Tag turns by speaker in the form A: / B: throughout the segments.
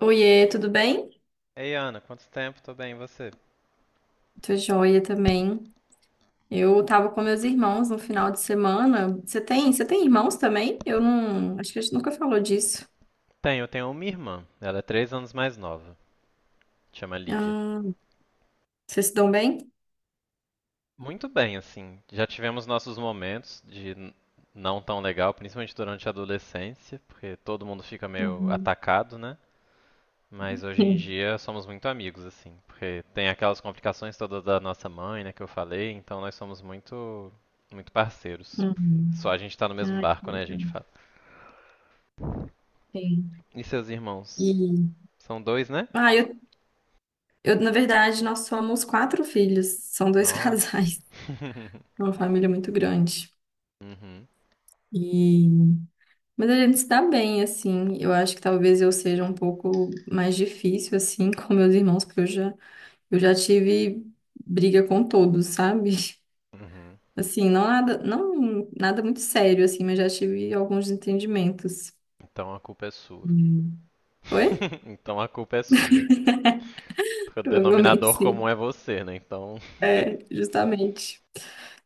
A: Oiê, tudo bem?
B: Ei, Ana, quanto tempo? Tô bem, e você?
A: Tô joia também. Eu tava com meus irmãos no final de semana. Você tem irmãos também? Eu não, acho que a gente nunca falou disso.
B: Tenho, eu tenho uma irmã. Ela é 3 anos mais nova. Chama Lívia.
A: Ah, vocês se dão bem?
B: Muito bem, assim. Já tivemos nossos momentos de não tão legal, principalmente durante a adolescência, porque todo mundo fica meio
A: Uhum.
B: atacado, né? Mas hoje em
A: Sim.
B: dia somos muito amigos, assim, porque tem aquelas complicações todas da nossa mãe, né, que eu falei, então nós somos muito, muito parceiros. Porque só
A: Uhum.
B: a gente tá no mesmo
A: Ai, que
B: barco, né, a gente
A: legal.
B: fala.
A: Sim.
B: E seus
A: E,
B: irmãos? São dois, né?
A: ah, eu, na verdade, nós somos quatro filhos. São dois
B: Nossa.
A: casais. É uma família muito grande.
B: Uhum,
A: E mas a gente se dá bem, assim. Eu acho que talvez eu seja um pouco mais difícil, assim, com meus irmãos, porque eu já tive briga com todos, sabe?
B: uhum.
A: Assim, não nada muito sério, assim, mas já tive alguns entendimentos.
B: Então a culpa é sua.
A: Hum. Oi?
B: Então a culpa é sua. Porque o
A: Provavelmente
B: denominador comum
A: sim,
B: é você, né? Então.
A: justamente.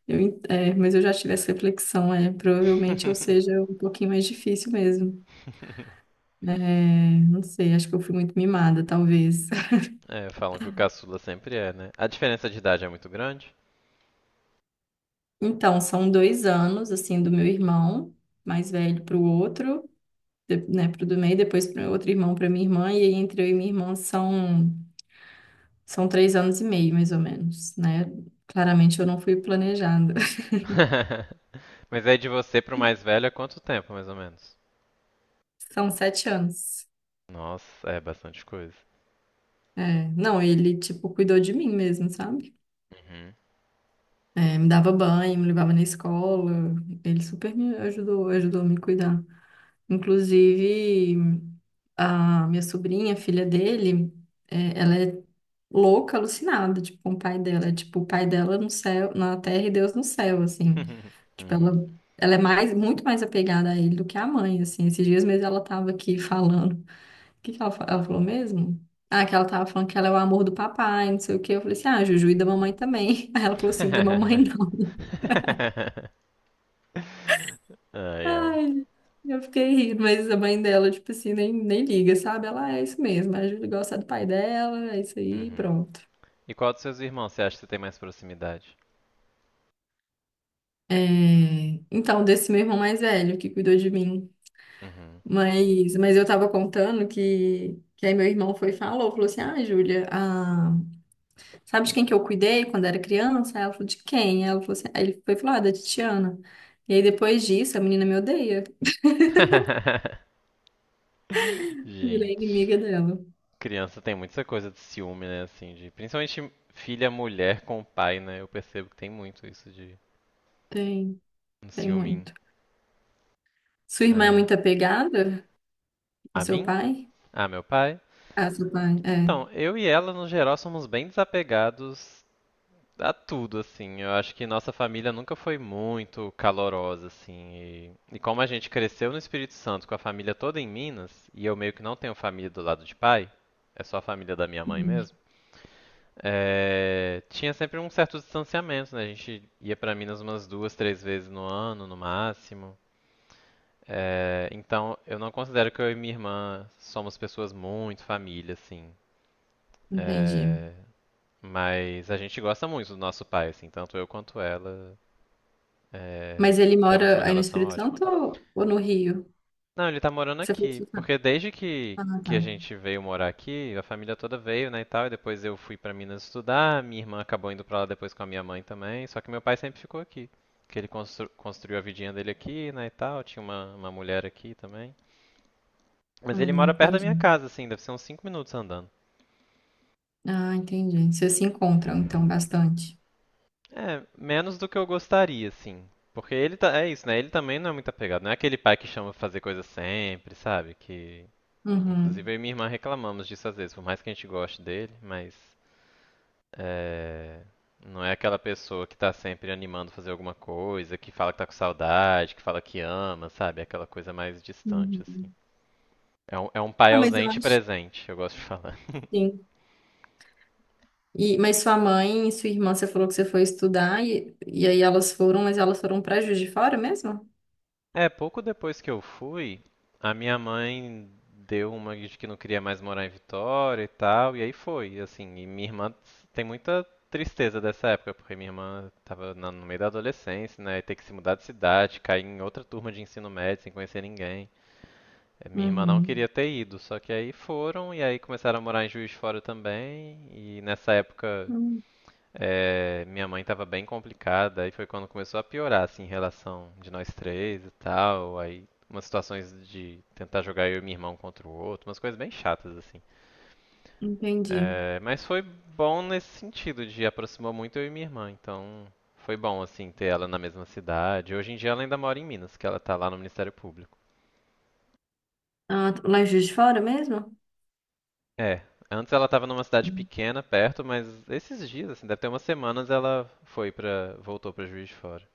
A: Mas eu já tive essa reflexão, é, provavelmente eu seja um pouquinho mais difícil mesmo. É, não sei, acho que eu fui muito mimada, talvez.
B: É, falam que o caçula sempre é, né? A diferença de idade é muito grande.
A: Então, são dois anos, assim, do meu irmão mais velho para o outro. Né, pro do meio, depois pro meu outro irmão, pra minha irmã, e aí entre eu e minha irmã são três anos e meio, mais ou menos, né? Claramente eu não fui planejada.
B: Mas aí de você pro mais velho é quanto tempo, mais ou menos?
A: São sete anos.
B: Nossa, é bastante coisa.
A: É, não, ele, tipo, cuidou de mim mesmo, sabe?
B: Uhum.
A: É, me dava banho, me levava na escola, ele super me ajudou, ajudou a me cuidar. Inclusive, a minha sobrinha, filha dele, é, ela é louca, alucinada, tipo, com o pai dela. É tipo, o pai dela no céu, na terra e Deus no céu, assim. Tipo,
B: Uhum.
A: ela é mais, muito mais apegada a ele do que a mãe, assim. Esses dias mesmo ela tava aqui falando. O que que ela ela falou mesmo? Ah, que ela tava falando que ela é o amor do papai, não sei o quê. Eu falei assim, ah, Juju e da mamãe também. Aí ela falou assim, da mamãe não.
B: Ai, ai.
A: Ai, eu fiquei rindo, mas a mãe dela, tipo assim, nem liga, sabe? Ela: "Ah, é isso mesmo, a Júlia gosta do pai dela, é isso aí,
B: Uhum.
A: pronto."
B: E qual dos seus irmãos você acha que você tem mais proximidade?
A: É, então, desse meu irmão mais velho que cuidou de mim.
B: Uhum.
A: Mas eu tava contando que aí meu irmão foi e falou assim, ah, Júlia, ah, sabe de quem que eu cuidei quando era criança? Aí ela falou, de quem? Ela falou assim, aí ele foi e falou ah, da Titiana. E aí depois disso, a menina me odeia, virei
B: Gente,
A: inimiga dela.
B: criança tem muita coisa de ciúme, né? Assim, de principalmente filha mulher com o pai, né? Eu percebo que tem muito isso de
A: Tem,
B: um
A: tem
B: ciúminho.
A: muito. Sua irmã é
B: Ah, é.
A: muito apegada ao
B: A
A: seu
B: mim?
A: pai?
B: Ah, meu pai?
A: Ah, seu pai, é.
B: Então, eu e ela, no geral, somos bem desapegados a tudo, assim. Eu acho que nossa família nunca foi muito calorosa, assim. E como a gente cresceu no Espírito Santo com a família toda em Minas, e eu meio que não tenho família do lado de pai, é só a família da minha mãe
A: Uhum,
B: mesmo. É, tinha sempre um certo distanciamento, né? A gente ia pra Minas umas duas, três vezes no ano, no máximo. É, então, eu não considero que eu e minha irmã somos pessoas muito família, assim.
A: entendi.
B: É, mas a gente gosta muito do nosso pai, assim, tanto eu quanto ela. É,
A: Mas ele
B: temos uma
A: mora aí no
B: relação
A: Espírito
B: ótima.
A: Santo ou no Rio?
B: Não, ele tá morando
A: Você falou que
B: aqui,
A: você tá-
B: porque
A: Ah,
B: que a
A: tá.
B: gente veio morar aqui, a família toda veio, né, e tal, e depois eu fui pra Minas estudar, minha irmã acabou indo pra lá depois com a minha mãe também, só que meu pai sempre ficou aqui, que ele construiu a vidinha dele aqui, né, e tal, tinha uma mulher aqui também. Mas ele mora perto da
A: Entendi.
B: minha casa, assim, deve ser uns 5 minutos andando.
A: Ah, entendi. Vocês se encontram, então, bastante.
B: É, menos do que eu gostaria, assim. Porque ele tá, é isso, né? Ele também não é muito apegado. Não é aquele pai que chama pra fazer coisa sempre, sabe? Que
A: Uhum.
B: inclusive eu e minha irmã reclamamos disso às vezes, por mais que a gente goste dele, mas é, não é aquela pessoa que tá sempre animando a fazer alguma coisa, que fala que tá com saudade, que fala que ama, sabe? É aquela coisa mais distante, assim.
A: Uhum.
B: É um pai
A: Ah, mas eu
B: ausente e
A: acho.
B: presente, eu gosto de falar.
A: Sim. Mas sua mãe e sua irmã, você falou que você foi estudar, e aí elas foram, mas elas foram para Juiz de Fora mesmo?
B: É, pouco depois que eu fui, a minha mãe deu uma de que não queria mais morar em Vitória e tal, e aí foi, assim, e minha irmã tem muita tristeza dessa época, porque minha irmã tava no meio da adolescência, né, e ter que se mudar de cidade, cair em outra turma de ensino médio sem conhecer ninguém. Minha irmã não
A: Uhum.
B: queria ter ido, só que aí foram, e aí começaram a morar em Juiz de Fora também, e nessa época
A: Hum,
B: é, minha mãe tava bem complicada, aí foi quando começou a piorar, assim, em relação de nós três e tal. Aí umas situações de tentar jogar eu e meu irmão contra o outro, umas coisas bem chatas, assim.
A: entendi.
B: É, mas foi bom nesse sentido, de aproximou muito eu e minha irmã, então foi bom, assim, ter ela na mesma cidade. Hoje em dia ela ainda mora em Minas, que ela tá lá no Ministério Público.
A: Ah, lá em Juiz de Fora mesmo?
B: É, antes ela tava numa cidade pequena, perto, mas esses dias, assim, deve ter umas semanas, ela foi pra, voltou pra Juiz de Fora.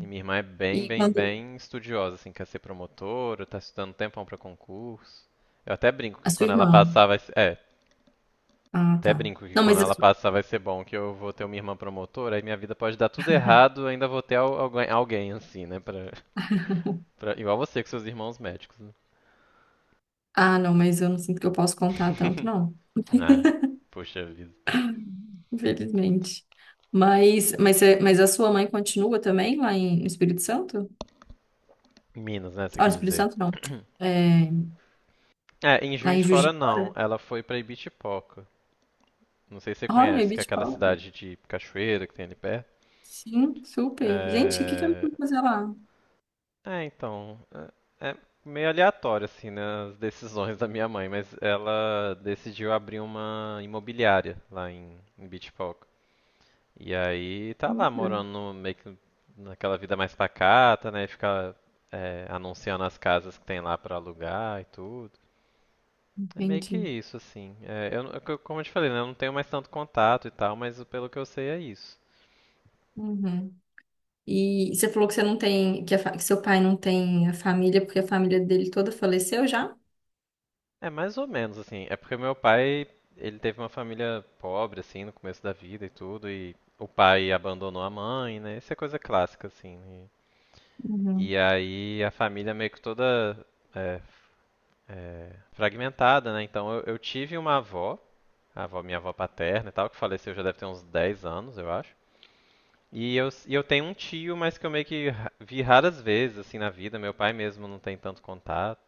B: E minha irmã é bem,
A: E
B: bem,
A: quando.
B: bem estudiosa, assim, quer ser promotora, tá estudando um tempão pra concurso. Eu até brinco
A: A
B: que
A: sua
B: quando ela
A: irmã.
B: passar vai ser, é,
A: Ah,
B: até
A: tá.
B: brinco que
A: Não,
B: quando
A: mas a
B: ela
A: sua...
B: passar vai ser bom que eu vou ter uma irmã promotora, aí minha vida pode dar tudo errado, ainda vou ter alguém, alguém assim, né, pra, igual você com seus irmãos médicos. Né?
A: Ah, não, mas eu não sinto que eu posso contar tanto, não.
B: Ah, puxa vida.
A: Infelizmente. Mas a sua mãe continua também lá em, no Espírito Santo?
B: Em Minas, né, você
A: Olha,
B: quis
A: Espírito
B: dizer.
A: Santo não. É,
B: É, em
A: lá
B: Juiz
A: em
B: de
A: Juiz
B: Fora
A: de
B: não,
A: Fora.
B: ela foi pra Ibitipoca. Não sei se você
A: Olha,
B: conhece, que é
A: Beach
B: aquela
A: Park.
B: cidade de cachoeira que tem ali perto.
A: Sim, super. Gente, o que que eu
B: É,
A: fui fazer lá?
B: É, então, é, meio aleatório assim, né, as decisões da minha mãe, mas ela decidiu abrir uma imobiliária lá em, em Beach Park. E aí tá lá
A: Nada.
B: morando meio que naquela vida mais pacata, né, fica é, anunciando as casas que tem lá pra alugar e tudo. É meio que
A: Entendi.
B: isso assim. É, eu, não- eu- como eu te falei, né, eu não tenho mais tanto contato e tal, mas pelo que eu sei é isso.
A: Uhum. E você falou que você não tem, que, que seu pai não tem a família, porque a família dele toda faleceu já?
B: É mais ou menos assim. É porque meu pai, ele teve uma família pobre assim no começo da vida e tudo e o pai abandonou a mãe, né? Isso é coisa clássica assim. E,
A: Uhum.
B: e aí a família meio que toda é, fragmentada, né? Então eu tive uma avó, a avó, minha avó paterna e tal, que faleceu já deve ter uns 10 anos, eu acho. E eu tenho um tio, mas que eu meio que vi raras vezes assim na vida. Meu pai mesmo não tem tanto contato.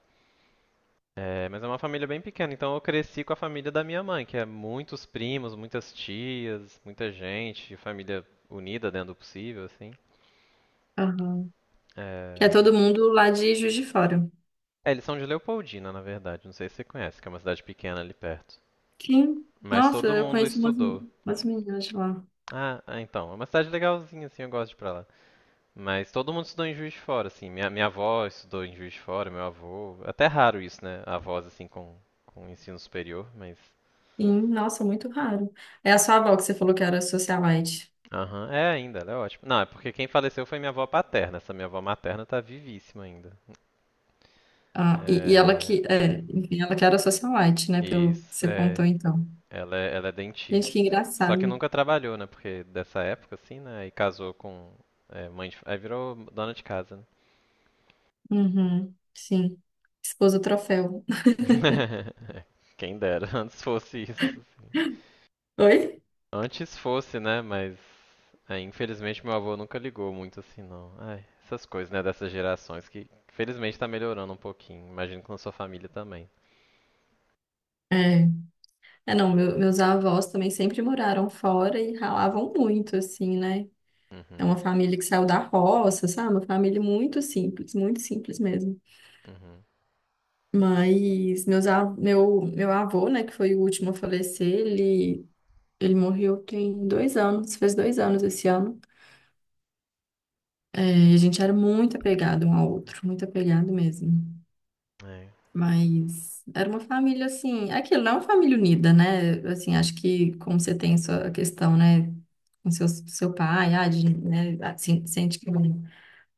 B: É, mas é uma família bem pequena, então eu cresci com a família da minha mãe, que é muitos primos, muitas tias, muita gente, família unida dentro do possível, assim.
A: Aham. Que é
B: É...
A: todo mundo lá de Juiz de Fora.
B: é, eles são de Leopoldina, na verdade, não sei se você conhece, que é uma cidade pequena ali perto.
A: Sim.
B: Mas
A: Nossa,
B: todo
A: eu
B: mundo
A: conheço umas,
B: estudou.
A: umas meninas de lá.
B: Ah, ah, então, é uma cidade legalzinha, assim, eu gosto de ir pra lá. Mas todo mundo estudou em Juiz de Fora, assim, minha avó estudou em Juiz de Fora, meu avô, até é raro isso, né, avós, assim, com ensino superior, mas...
A: Sim, nossa, muito raro. É a sua avó que você falou que era socialite.
B: Aham, é ainda, ela é ótima. Não, é porque quem faleceu foi minha avó paterna. Essa minha avó materna tá vivíssima ainda.
A: Ah, e ela
B: É...
A: que, é, enfim, ela que era socialite, né? Pelo que
B: Isso,
A: você
B: é.
A: contou, então.
B: Ela é
A: Gente, que
B: dentista. Só que
A: engraçado.
B: nunca trabalhou, né? Porque dessa época, assim, né? E casou com. É, mãe de... Aí virou dona de casa, né?
A: Uhum, sim. Esposa troféu.
B: Quem dera, antes fosse isso.
A: Oi?
B: Antes fosse, né? Mas é, infelizmente meu avô nunca ligou muito assim, não. Ai, essas coisas, né? Dessas gerações que felizmente tá melhorando um pouquinho. Imagino que na sua família também.
A: É. É, não, meus avós também sempre moraram fora e ralavam muito, assim, né? É
B: Uhum,
A: uma família que saiu da roça, sabe? Uma família muito simples mesmo.
B: uhum.
A: Mas meu avô, né, que foi o último a falecer, ele morreu tem dois anos, fez dois anos esse ano. E a gente era muito apegado um ao outro, muito apegado mesmo.
B: É.
A: Mas era uma família assim, é aquilo não é uma família unida, né? Assim, acho que como você tem sua questão, né, com seu pai, ah, de, né, assim, sente que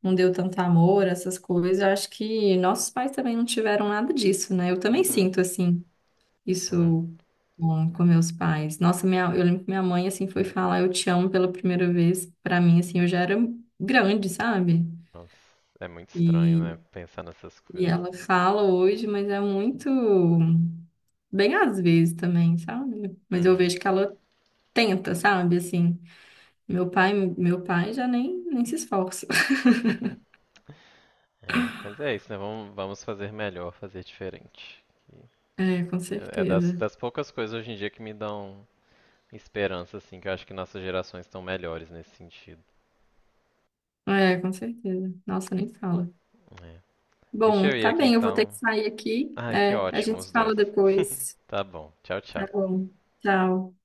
A: não deu tanto amor, essas coisas, eu acho que nossos pais também não tiveram nada disso, né? Eu também
B: Uhum.
A: sinto assim
B: É.
A: isso com meus pais. Nossa, minha, eu lembro que minha mãe assim foi falar eu te amo pela primeira vez, pra mim assim, eu já era grande, sabe?
B: Nossa, é muito estranho,
A: e
B: né? Pensar nessas
A: E
B: coisas.
A: ela fala hoje, mas é muito bem às vezes também, sabe? Mas eu
B: Uhum.
A: vejo que ela tenta, sabe? Assim, meu pai já nem se esforça.
B: É. Mas é isso, né? Vamos, vamos fazer melhor, fazer diferente. E
A: É, com
B: é é das,
A: certeza.
B: das poucas coisas hoje em dia que me dão esperança, assim, que eu acho que nossas gerações estão melhores nesse sentido.
A: É, com certeza. Nossa, nem fala.
B: É. Deixa eu
A: Bom,
B: ir
A: tá
B: aqui
A: bem, eu vou ter
B: então.
A: que sair aqui.
B: Ah, que
A: É, a
B: ótimo,
A: gente se
B: os
A: fala
B: dois.
A: depois.
B: Tá bom. Tchau,
A: Tá
B: tchau.
A: bom. Tchau.